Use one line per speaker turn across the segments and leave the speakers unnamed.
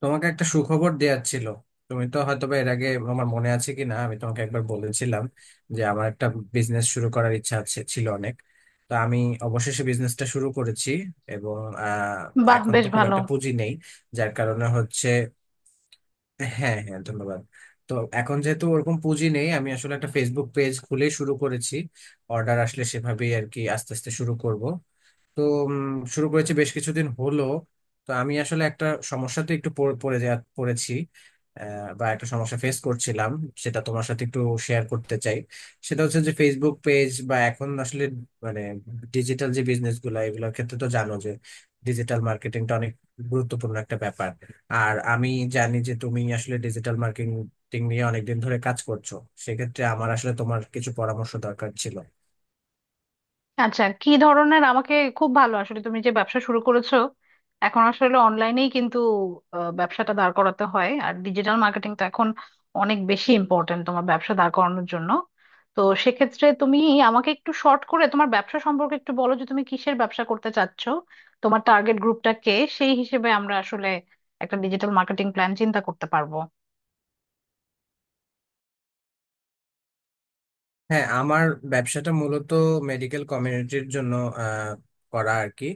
তোমাকে একটা সুখবর দেওয়ার ছিল। তুমি তো হয়তোবা এর আগে, আমার মনে আছে কি না, আমি তোমাকে একবার বলেছিলাম যে আমার একটা বিজনেস শুরু করার ইচ্ছা আছে ছিল অনেক। তো আমি অবশেষে বিজনেসটা শুরু করেছি, এবং আহ,
বাহ,
এখন
বেশ
তো খুব
ভালো।
একটা পুঁজি নেই, যার কারণে হচ্ছে। হ্যাঁ, হ্যাঁ, ধন্যবাদ। তো এখন যেহেতু ওরকম পুঁজি নেই, আমি আসলে একটা ফেসবুক পেজ খুলে শুরু করেছি। অর্ডার আসলে সেভাবেই আর কি আস্তে আস্তে শুরু করব। তো উম, শুরু করেছি বেশ কিছুদিন হলো। তো আমি আসলে একটা সমস্যাতে একটু পড়ে পড়ে যা পড়েছি, বা একটা সমস্যা ফেস করছিলাম, সেটা তোমার সাথে একটু শেয়ার করতে চাই। সেটা হচ্ছে যে ফেসবুক পেজ বা এখন আসলে মানে ডিজিটাল যে বিজনেস গুলো, এগুলোর ক্ষেত্রে তো জানো যে ডিজিটাল মার্কেটিংটা অনেক গুরুত্বপূর্ণ একটা ব্যাপার। আর আমি জানি যে তুমি আসলে ডিজিটাল মার্কেটিং নিয়ে অনেকদিন ধরে কাজ করছো। সেক্ষেত্রে আমার আসলে তোমার কিছু পরামর্শ দরকার ছিল।
আচ্ছা, কি ধরনের? আমাকে খুব ভালো, আসলে তুমি যে ব্যবসা শুরু করেছো এখন আসলে অনলাইনেই কিন্তু ব্যবসাটা দাঁড় করাতে হয়, আর ডিজিটাল মার্কেটিং তো এখন অনেক বেশি ইম্পর্ট্যান্ট তোমার ব্যবসা দাঁড় করানোর জন্য। তো সেক্ষেত্রে তুমি আমাকে একটু শর্ট করে তোমার ব্যবসা সম্পর্কে একটু বলো যে তুমি কিসের ব্যবসা করতে চাচ্ছ, তোমার টার্গেট গ্রুপটা কে। সেই হিসেবে আমরা আসলে একটা ডিজিটাল মার্কেটিং প্ল্যান চিন্তা করতে পারবো।
হ্যাঁ, আমার ব্যবসাটা মূলত মেডিকেল কমিউনিটির জন্য আহ, করা আর কি।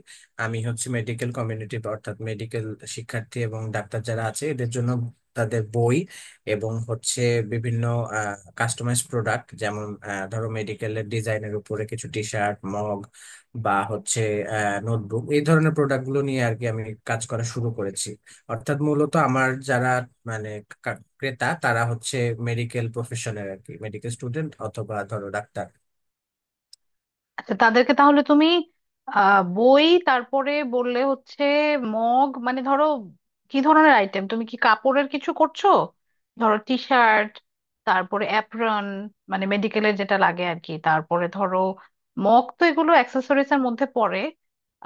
আমি হচ্ছে মেডিকেল কমিউনিটি, অর্থাৎ মেডিকেল শিক্ষার্থী এবং ডাক্তার যারা আছে এদের জন্য তাদের বই এবং হচ্ছে বিভিন্ন কাস্টমাইজ প্রোডাক্ট, যেমন ধরো মেডিকেলের ডিজাইনের উপরে কিছু টি শার্ট, মগ, বা হচ্ছে নোটবুক, এই ধরনের প্রোডাক্টগুলো নিয়ে আর কি আমি কাজ করা শুরু করেছি। অর্থাৎ মূলত আমার যারা মানে ক্রেতা তারা হচ্ছে মেডিকেল প্রফেশনের আর কি, মেডিকেল স্টুডেন্ট অথবা ধরো ডাক্তার।
আচ্ছা, তাদেরকে তাহলে তুমি বই, তারপরে বললে হচ্ছে মগ, মানে ধরো কি ধরনের আইটেম? তুমি কি কাপড়ের কিছু করছো? ধরো টি শার্ট, তারপরে অ্যাপ্রন, মানে মেডিকেলের যেটা লাগে আর কি, তারপরে ধরো মগ, তো এগুলো অ্যাক্সেসরিজ এর মধ্যে পড়ে।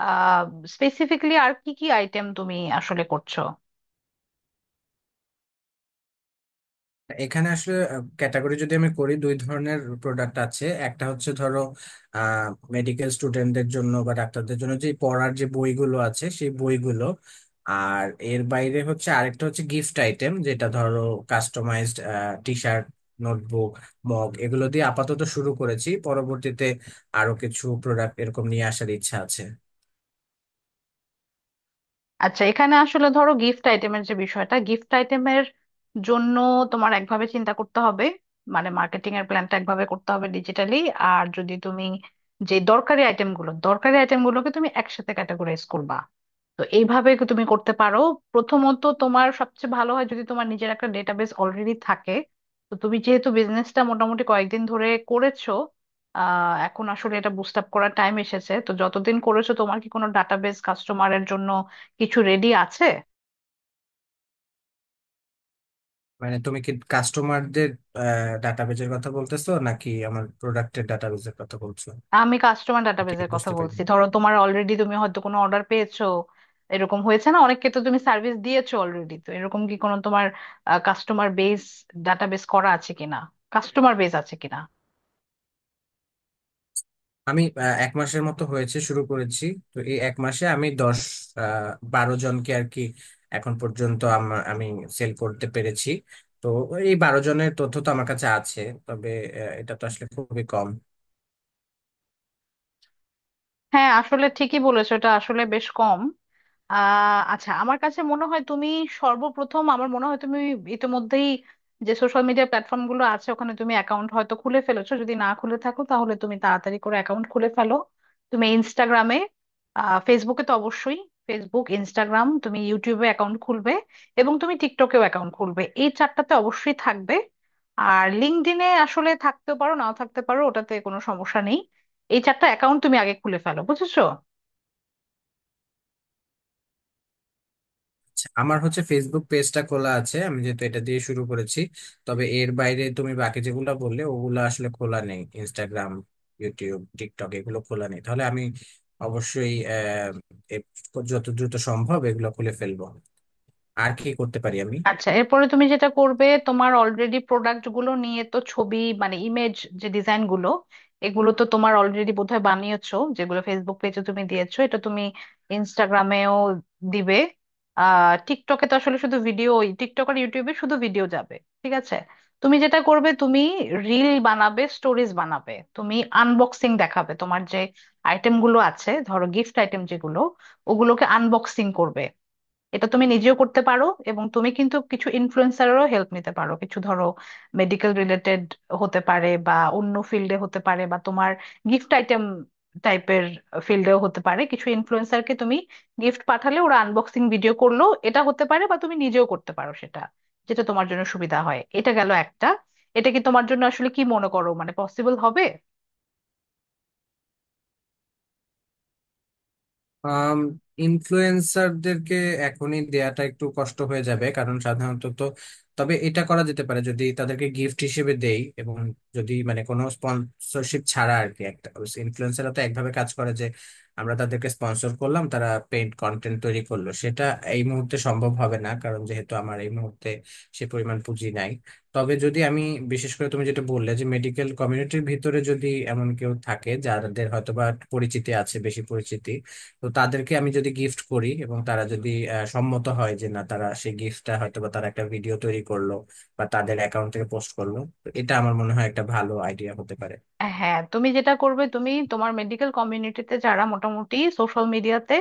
আহ স্পেসিফিকলি আর কি কি আইটেম তুমি আসলে করছো?
এখানে আসলে ক্যাটাগরি যদি আমি করি, দুই ধরনের প্রোডাক্ট আছে। একটা হচ্ছে ধরো আহ মেডিকেল স্টুডেন্টদের জন্য বা ডাক্তারদের জন্য যে পড়ার যে বইগুলো আছে, সেই বইগুলো। আর এর বাইরে হচ্ছে আরেকটা হচ্ছে গিফট আইটেম, যেটা ধরো customized T shirt, notebook, mug, এগুলো দিয়ে আপাতত শুরু করেছি। পরবর্তীতে আরো কিছু প্রোডাক্ট এরকম নিয়ে আসার ইচ্ছা আছে।
আচ্ছা, এখানে আসলে ধরো গিফট আইটেমের যে বিষয়টা, গিফট আইটেমের জন্য তোমার একভাবে চিন্তা করতে হবে, মানে মার্কেটিং এর প্ল্যানটা একভাবে করতে হবে ডিজিটালি। আর যদি তুমি যে দরকারি আইটেমগুলো, দরকারি আইটেমগুলোকে তুমি একসাথে ক্যাটাগরাইজ করবা। তো এইভাবে কি তুমি করতে পারো? প্রথমত তোমার সবচেয়ে ভালো হয় যদি তোমার নিজের একটা ডেটাবেস অলরেডি থাকে। তো তুমি যেহেতু বিজনেসটা মোটামুটি কয়েকদিন ধরে করেছো, এখন আসলে এটা বুস্ট আপ করার টাইম এসেছে। তো যতদিন করেছো তোমার কি কোনো ডাটাবেস কাস্টমারের জন্য কিছু রেডি আছে?
মানে তুমি কি কাস্টমারদের ডাটাবেজের কথা বলতেছো, নাকি আমার প্রোডাক্টের ডাটাবেজের কথা বলছো?
আমি কাস্টমার
আমি ঠিক
ডাটাবেজের কথা
বুঝতে পারি।
বলছি, ধরো তোমার অলরেডি তুমি হয়তো কোনো অর্ডার পেয়েছো, এরকম হয়েছে না? অনেককে তো তুমি সার্ভিস দিয়েছো অলরেডি, তো এরকম কি কোনো তোমার কাস্টমার বেস, ডাটাবেস করা আছে কিনা, কাস্টমার বেস আছে কিনা।
আমি এক মাসের মতো হয়েছে শুরু করেছি। তো এই এক মাসে আমি দশ, 12 জনকে আর কি এখন পর্যন্ত আমার আমি সেল করতে পেরেছি। তো এই 12 জনের তথ্য তো আমার কাছে আছে, তবে এটা তো আসলে খুবই কম।
হ্যাঁ, আসলে ঠিকই বলেছো, এটা আসলে বেশ কম। আচ্ছা, আমার কাছে মনে হয় তুমি সর্বপ্রথম, আমার মনে হয় তুমি ইতিমধ্যেই যে সোশ্যাল মিডিয়া প্ল্যাটফর্ম গুলো আছে ওখানে তুমি অ্যাকাউন্ট হয়তো খুলে ফেলেছো, যদি না খুলে থাকো তাহলে তুমি তাড়াতাড়ি করে অ্যাকাউন্ট খুলে ফেলো। তুমি ইনস্টাগ্রামে, ফেসবুকে তো অবশ্যই, ফেসবুক, ইনস্টাগ্রাম, তুমি ইউটিউবে অ্যাকাউন্ট খুলবে, এবং তুমি টিকটকেও অ্যাকাউন্ট খুলবে, এই চারটাতে অবশ্যই থাকবে। আর লিঙ্কডইনে আসলে থাকতেও পারো, নাও থাকতে পারো, ওটাতে কোনো সমস্যা নেই। এই চারটা অ্যাকাউন্ট তুমি আগে খুলে ফেলো, বুঝেছো?
আমার হচ্ছে ফেসবুক পেজটা খোলা আছে, আমি যেহেতু এটা দিয়ে শুরু করেছি। তবে এর বাইরে তুমি বাকি যেগুলো বললে ওগুলো আসলে খোলা নেই। ইনস্টাগ্রাম, ইউটিউব, টিকটক, এগুলো খোলা নেই। তাহলে আমি অবশ্যই এ- যত দ্রুত সম্ভব এগুলো খুলে ফেলবো। আর কি করতে পারি আমি?
আচ্ছা, এরপরে তুমি যেটা করবে, তোমার অলরেডি প্রোডাক্ট গুলো নিয়ে তো ছবি, মানে ইমেজ, যে ডিজাইন গুলো এগুলো তো তোমার অলরেডি বোধহয় বানিয়েছো, যেগুলো ফেসবুক পেজে তুমি দিয়েছো, এটা তুমি ইনস্টাগ্রামেও দিবে। টিকটকে তো আসলে শুধু ভিডিও, টিকটক আর ইউটিউবে শুধু ভিডিও যাবে, ঠিক আছে? তুমি যেটা করবে, তুমি রিল বানাবে, স্টোরিজ বানাবে, তুমি আনবক্সিং দেখাবে। তোমার যে আইটেম গুলো আছে, ধরো গিফট আইটেম যেগুলো, ওগুলোকে আনবক্সিং করবে। এটা তুমি নিজেও করতে পারো, এবং তুমি কিন্তু কিছু ইনফ্লুয়েন্সারেরও হেল্প নিতে পারো। কিছু ধরো মেডিকেল রিলেটেড হতে পারে, বা অন্য ফিল্ডে হতে পারে, বা তোমার গিফট আইটেম টাইপের ফিল্ডেও হতে পারে। কিছু ইনফ্লুয়েন্সারকে তুমি গিফট পাঠালে ওরা আনবক্সিং ভিডিও করলো, এটা হতে পারে, বা তুমি নিজেও করতে পারো সেটা, যেটা তোমার জন্য সুবিধা হয়। এটা গেল একটা। এটা কি তোমার জন্য আসলে, কি মনে করো, মানে পসিবল হবে?
আম ইনফ্লুয়েন্সারদেরকে এখনই দেয়াটা একটু কষ্ট হয়ে যাবে, কারণ সাধারণত তো। তবে এটা করা যেতে পারে যদি তাদেরকে গিফট হিসেবে দেই এবং যদি মানে কোনো স্পন্সরশিপ ছাড়া আর কি একটা। ইনফ্লুয়েন্সাররা তো একভাবে কাজ করে যে আমরা তাদেরকে স্পন্সর করলাম, তারা পেইড কন্টেন্ট তৈরি করলো, সেটা এই মুহূর্তে সম্ভব হবে না, কারণ যেহেতু আমার এই মুহূর্তে সে পরিমাণ পুঁজি নাই। তবে যদি আমি, বিশেষ করে তুমি যেটা বললে, যে মেডিকেল কমিউনিটির ভিতরে যদি এমন কেউ থাকে যাদের হয়তোবা পরিচিতি আছে, বেশি পরিচিতি, তো তাদেরকে আমি যদি গিফট করি এবং তারা যদি সম্মত হয় যে না, তারা সেই গিফটটা হয়তো বা তারা একটা ভিডিও তৈরি করলো বা তাদের অ্যাকাউন্ট থেকে পোস্ট করলো, তো এটা আমার মনে হয় একটা ভালো আইডিয়া হতে পারে।
হ্যাঁ, তুমি যেটা করবে, তুমি তোমার মেডিকেল কমিউনিটিতে যারা মোটামুটি সোশ্যাল মিডিয়াতে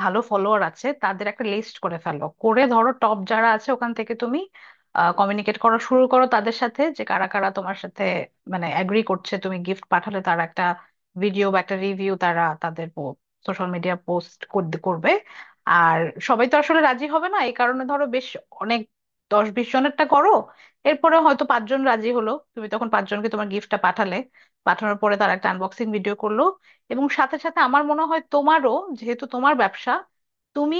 ভালো ফলোয়ার আছে তাদের একটা লিস্ট করে ফেলো, করে ধরো টপ যারা আছে ওখান থেকে তুমি কমিউনিকেট করা শুরু করো তাদের সাথে, যে কারা কারা তোমার সাথে মানে অ্যাগ্রি করছে তুমি গিফট পাঠালে তারা একটা ভিডিও বা একটা রিভিউ তারা তাদের সোশ্যাল মিডিয়া পোস্ট করবে। আর সবাই তো আসলে রাজি হবে না, এই কারণে ধরো বেশ অনেক, দশ বিশ জনেরটা করো, এরপরে হয়তো পাঁচজন রাজি হলো, তুমি তখন পাঁচজনকে তোমার গিফটটা পাঠালে, পাঠানোর পরে তারা একটা আনবক্সিং ভিডিও করলো। এবং সাথে সাথে আমার মনে হয় তোমারও, যেহেতু তোমার ব্যবসা, তুমি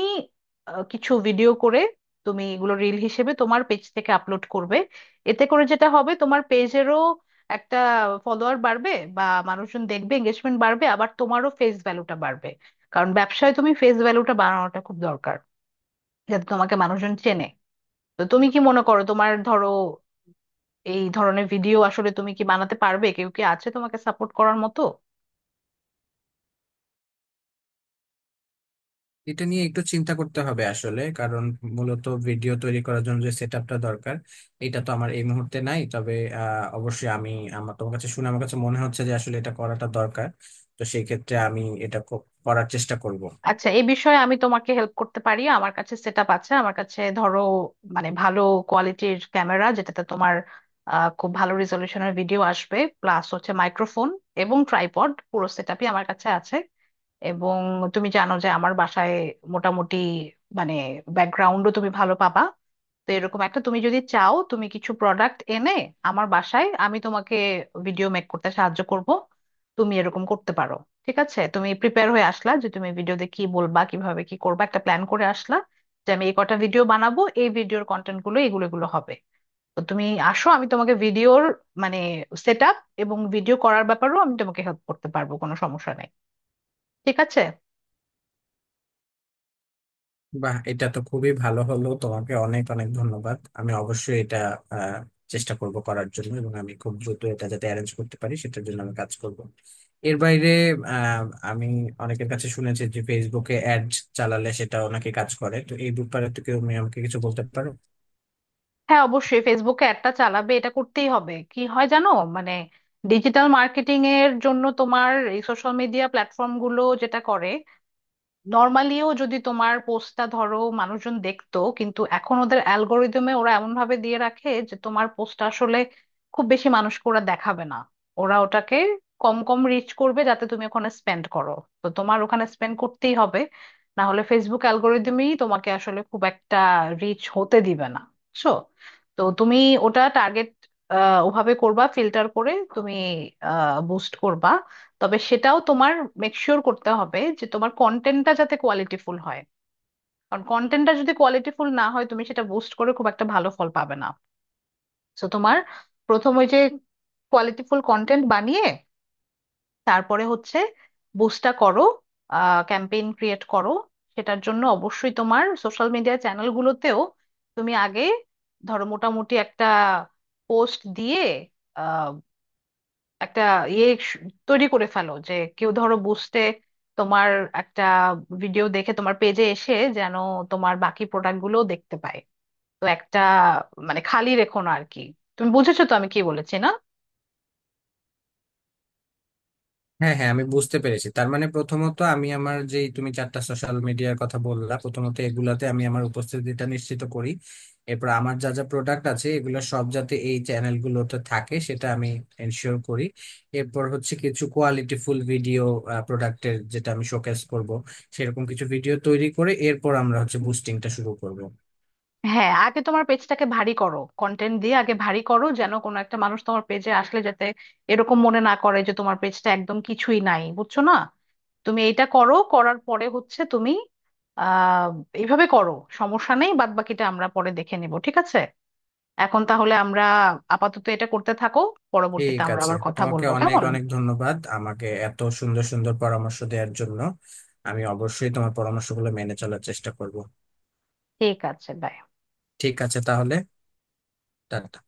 কিছু ভিডিও করে তুমি এগুলো রিল হিসেবে তোমার পেজ থেকে আপলোড করবে। এতে করে যেটা হবে, তোমার পেজেরও একটা ফলোয়ার বাড়বে, বা মানুষজন দেখবে, এঙ্গেজমেন্ট বাড়বে, আবার তোমারও ফেস ভ্যালুটা বাড়বে। কারণ ব্যবসায় তুমি ফেস ভ্যালুটা বাড়ানোটা খুব দরকার, যাতে তোমাকে মানুষজন চেনে। তো তুমি কি মনে করো, তোমার ধরো এই ধরনের ভিডিও আসলে তুমি কি বানাতে পারবে? কেউ কি আছে তোমাকে সাপোর্ট করার মতো?
এটা নিয়ে একটু চিন্তা করতে হবে আসলে, কারণ মূলত ভিডিও তৈরি করার জন্য যে সেট আপটা দরকার, এটা তো আমার এই মুহূর্তে নাই। তবে অবশ্যই আমি, আমার তোমার কাছে শুনে আমার কাছে মনে হচ্ছে যে আসলে এটা করাটা দরকার। তো সেই ক্ষেত্রে আমি এটা করার চেষ্টা করব।
আচ্ছা, এই বিষয়ে আমি তোমাকে হেল্প করতে পারি। আমার কাছে সেট আপ আছে, আমার কাছে ধরো মানে ভালো কোয়ালিটির ক্যামেরা যেটাতে তোমার খুব ভালো রেজলিউশনের ভিডিও আসবে, প্লাস হচ্ছে মাইক্রোফোন এবং ট্রাইপড, পুরো সেট আপই আমার কাছে আছে। এবং তুমি জানো যে আমার বাসায় মোটামুটি, মানে ব্যাকগ্রাউন্ডও তুমি ভালো পাবা। তো এরকম একটা, তুমি যদি চাও তুমি কিছু প্রোডাক্ট এনে আমার বাসায়, আমি তোমাকে ভিডিও মেক করতে সাহায্য করব। তুমি এরকম করতে পারো, ঠিক আছে? তুমি প্রিপেয়ার হয়ে আসলা যে তুমি ভিডিওতে কি বলবা, কিভাবে কি করবা, একটা প্ল্যান করে আসলা যে আমি এই কটা ভিডিও বানাবো, এই ভিডিওর কন্টেন্ট গুলো এগুলো এগুলো হবে। তো তুমি আসো, আমি তোমাকে ভিডিওর মানে সেট আপ এবং ভিডিও করার ব্যাপারেও আমি তোমাকে হেল্প করতে পারবো, কোনো সমস্যা নেই, ঠিক আছে?
বাহ, এটা তো খুবই ভালো হলো। তোমাকে অনেক অনেক ধন্যবাদ। আমি অবশ্যই এটা আহ, চেষ্টা করব করার জন্য, এবং আমি খুব দ্রুত এটা যাতে অ্যারেঞ্জ করতে পারি সেটার জন্য আমি কাজ করব। এর বাইরে, আহ, আমি অনেকের কাছে শুনেছি যে ফেসবুকে অ্যাড চালালে সেটাও নাকি কাজ করে। তো এই ব্যাপারে তো কেউ তুমি আমাকে কিছু বলতে পারো?
হ্যাঁ, অবশ্যই ফেসবুকে অ্যাডটা চালাবে, এটা করতেই হবে। কি হয় জানো, মানে ডিজিটাল মার্কেটিং এর জন্য তোমার এই সোশ্যাল মিডিয়া প্ল্যাটফর্ম গুলো যেটা করে, নর্মালিও যদি তোমার পোস্টটা ধরো মানুষজন দেখতো, কিন্তু এখন ওদের অ্যালগোরিদমে ওরা এমন ভাবে দিয়ে রাখে যে তোমার পোস্টটা আসলে খুব বেশি মানুষকে ওরা দেখাবে না, ওরা ওটাকে কম কম রিচ করবে, যাতে তুমি ওখানে স্পেন্ড করো। তো তোমার ওখানে স্পেন্ড করতেই হবে, না হলে ফেসবুক অ্যালগোরিদমই তোমাকে আসলে খুব একটা রিচ হতে দিবে না, বুঝছো? তো তুমি ওটা টার্গেট, ওভাবে করবা, ফিল্টার করে তুমি বুস্ট করবা। তবে সেটাও তোমার মেক শিওর করতে হবে যে তোমার কন্টেন্টটা যাতে কোয়ালিটিফুল হয়, কারণ কন্টেন্টটা যদি কোয়ালিটিফুল না হয় তুমি সেটা বুস্ট করে খুব একটা ভালো ফল পাবে না। তো তোমার প্রথম ওই যে কোয়ালিটিফুল কন্টেন্ট বানিয়ে, তারপরে হচ্ছে বুস্টটা করো, ক্যাম্পেইন ক্রিয়েট করো। সেটার জন্য অবশ্যই তোমার সোশ্যাল মিডিয়া চ্যানেলগুলোতেও তুমি আগে ধরো মোটামুটি একটা পোস্ট দিয়ে একটা ইয়ে স- তৈরি করে ফেলো, যে কেউ ধরো বুঝতে, তোমার একটা ভিডিও দেখে তোমার পেজে এসে যেন তোমার বাকি প্রোডাক্ট গুলো দেখতে পায়। তো একটা মানে খালি রেখো না আর কি। তুমি বুঝেছো তো আমি কি বলেছি না?
হ্যাঁ, হ্যাঁ, আমি বুঝতে পেরেছি। তার মানে প্রথমত আমি আমার, যে তুমি চারটা সোশ্যাল মিডিয়ার কথা বললা, প্রথমত এগুলাতে আমি আমার উপস্থিতিটা নিশ্চিত করি। এরপর আমার যা যা প্রোডাক্ট আছে এগুলো সব যাতে এই চ্যানেলগুলোতে থাকে সেটা আমি এনশিওর করি। এরপর হচ্ছে কিছু কোয়ালিটিফুল ভিডিও, প্রোডাক্টের যেটা আমি শোকেস করব, সেরকম কিছু ভিডিও তৈরি করে এরপর আমরা হচ্ছে বুস্টিংটা শুরু করব।
হ্যাঁ, আগে তোমার পেজটাকে ভারী করো কন্টেন্ট দিয়ে, আগে ভারী করো যেন কোনো একটা মানুষ তোমার পেজে আসলে যাতে এরকম মনে না করে যে তোমার পেজটা একদম কিছুই নাই, বুঝছো না? তুমি এইটা করো, করার পরে হচ্ছে তুমি আহ এইভাবে করো, সমস্যা নেই, বাদ বাকিটা আমরা পরে দেখে নেব, ঠিক আছে? এখন তাহলে আমরা আপাতত এটা করতে থাকো, পরবর্তীতে
ঠিক
আমরা
আছে,
আবার কথা
তোমাকে
বলবো,
অনেক
কেমন?
অনেক ধন্যবাদ আমাকে এত সুন্দর সুন্দর পরামর্শ দেওয়ার জন্য। আমি অবশ্যই তোমার পরামর্শগুলো মেনে চলার চেষ্টা করব।
ঠিক আছে, বাই।
ঠিক আছে তাহলে, টাটা।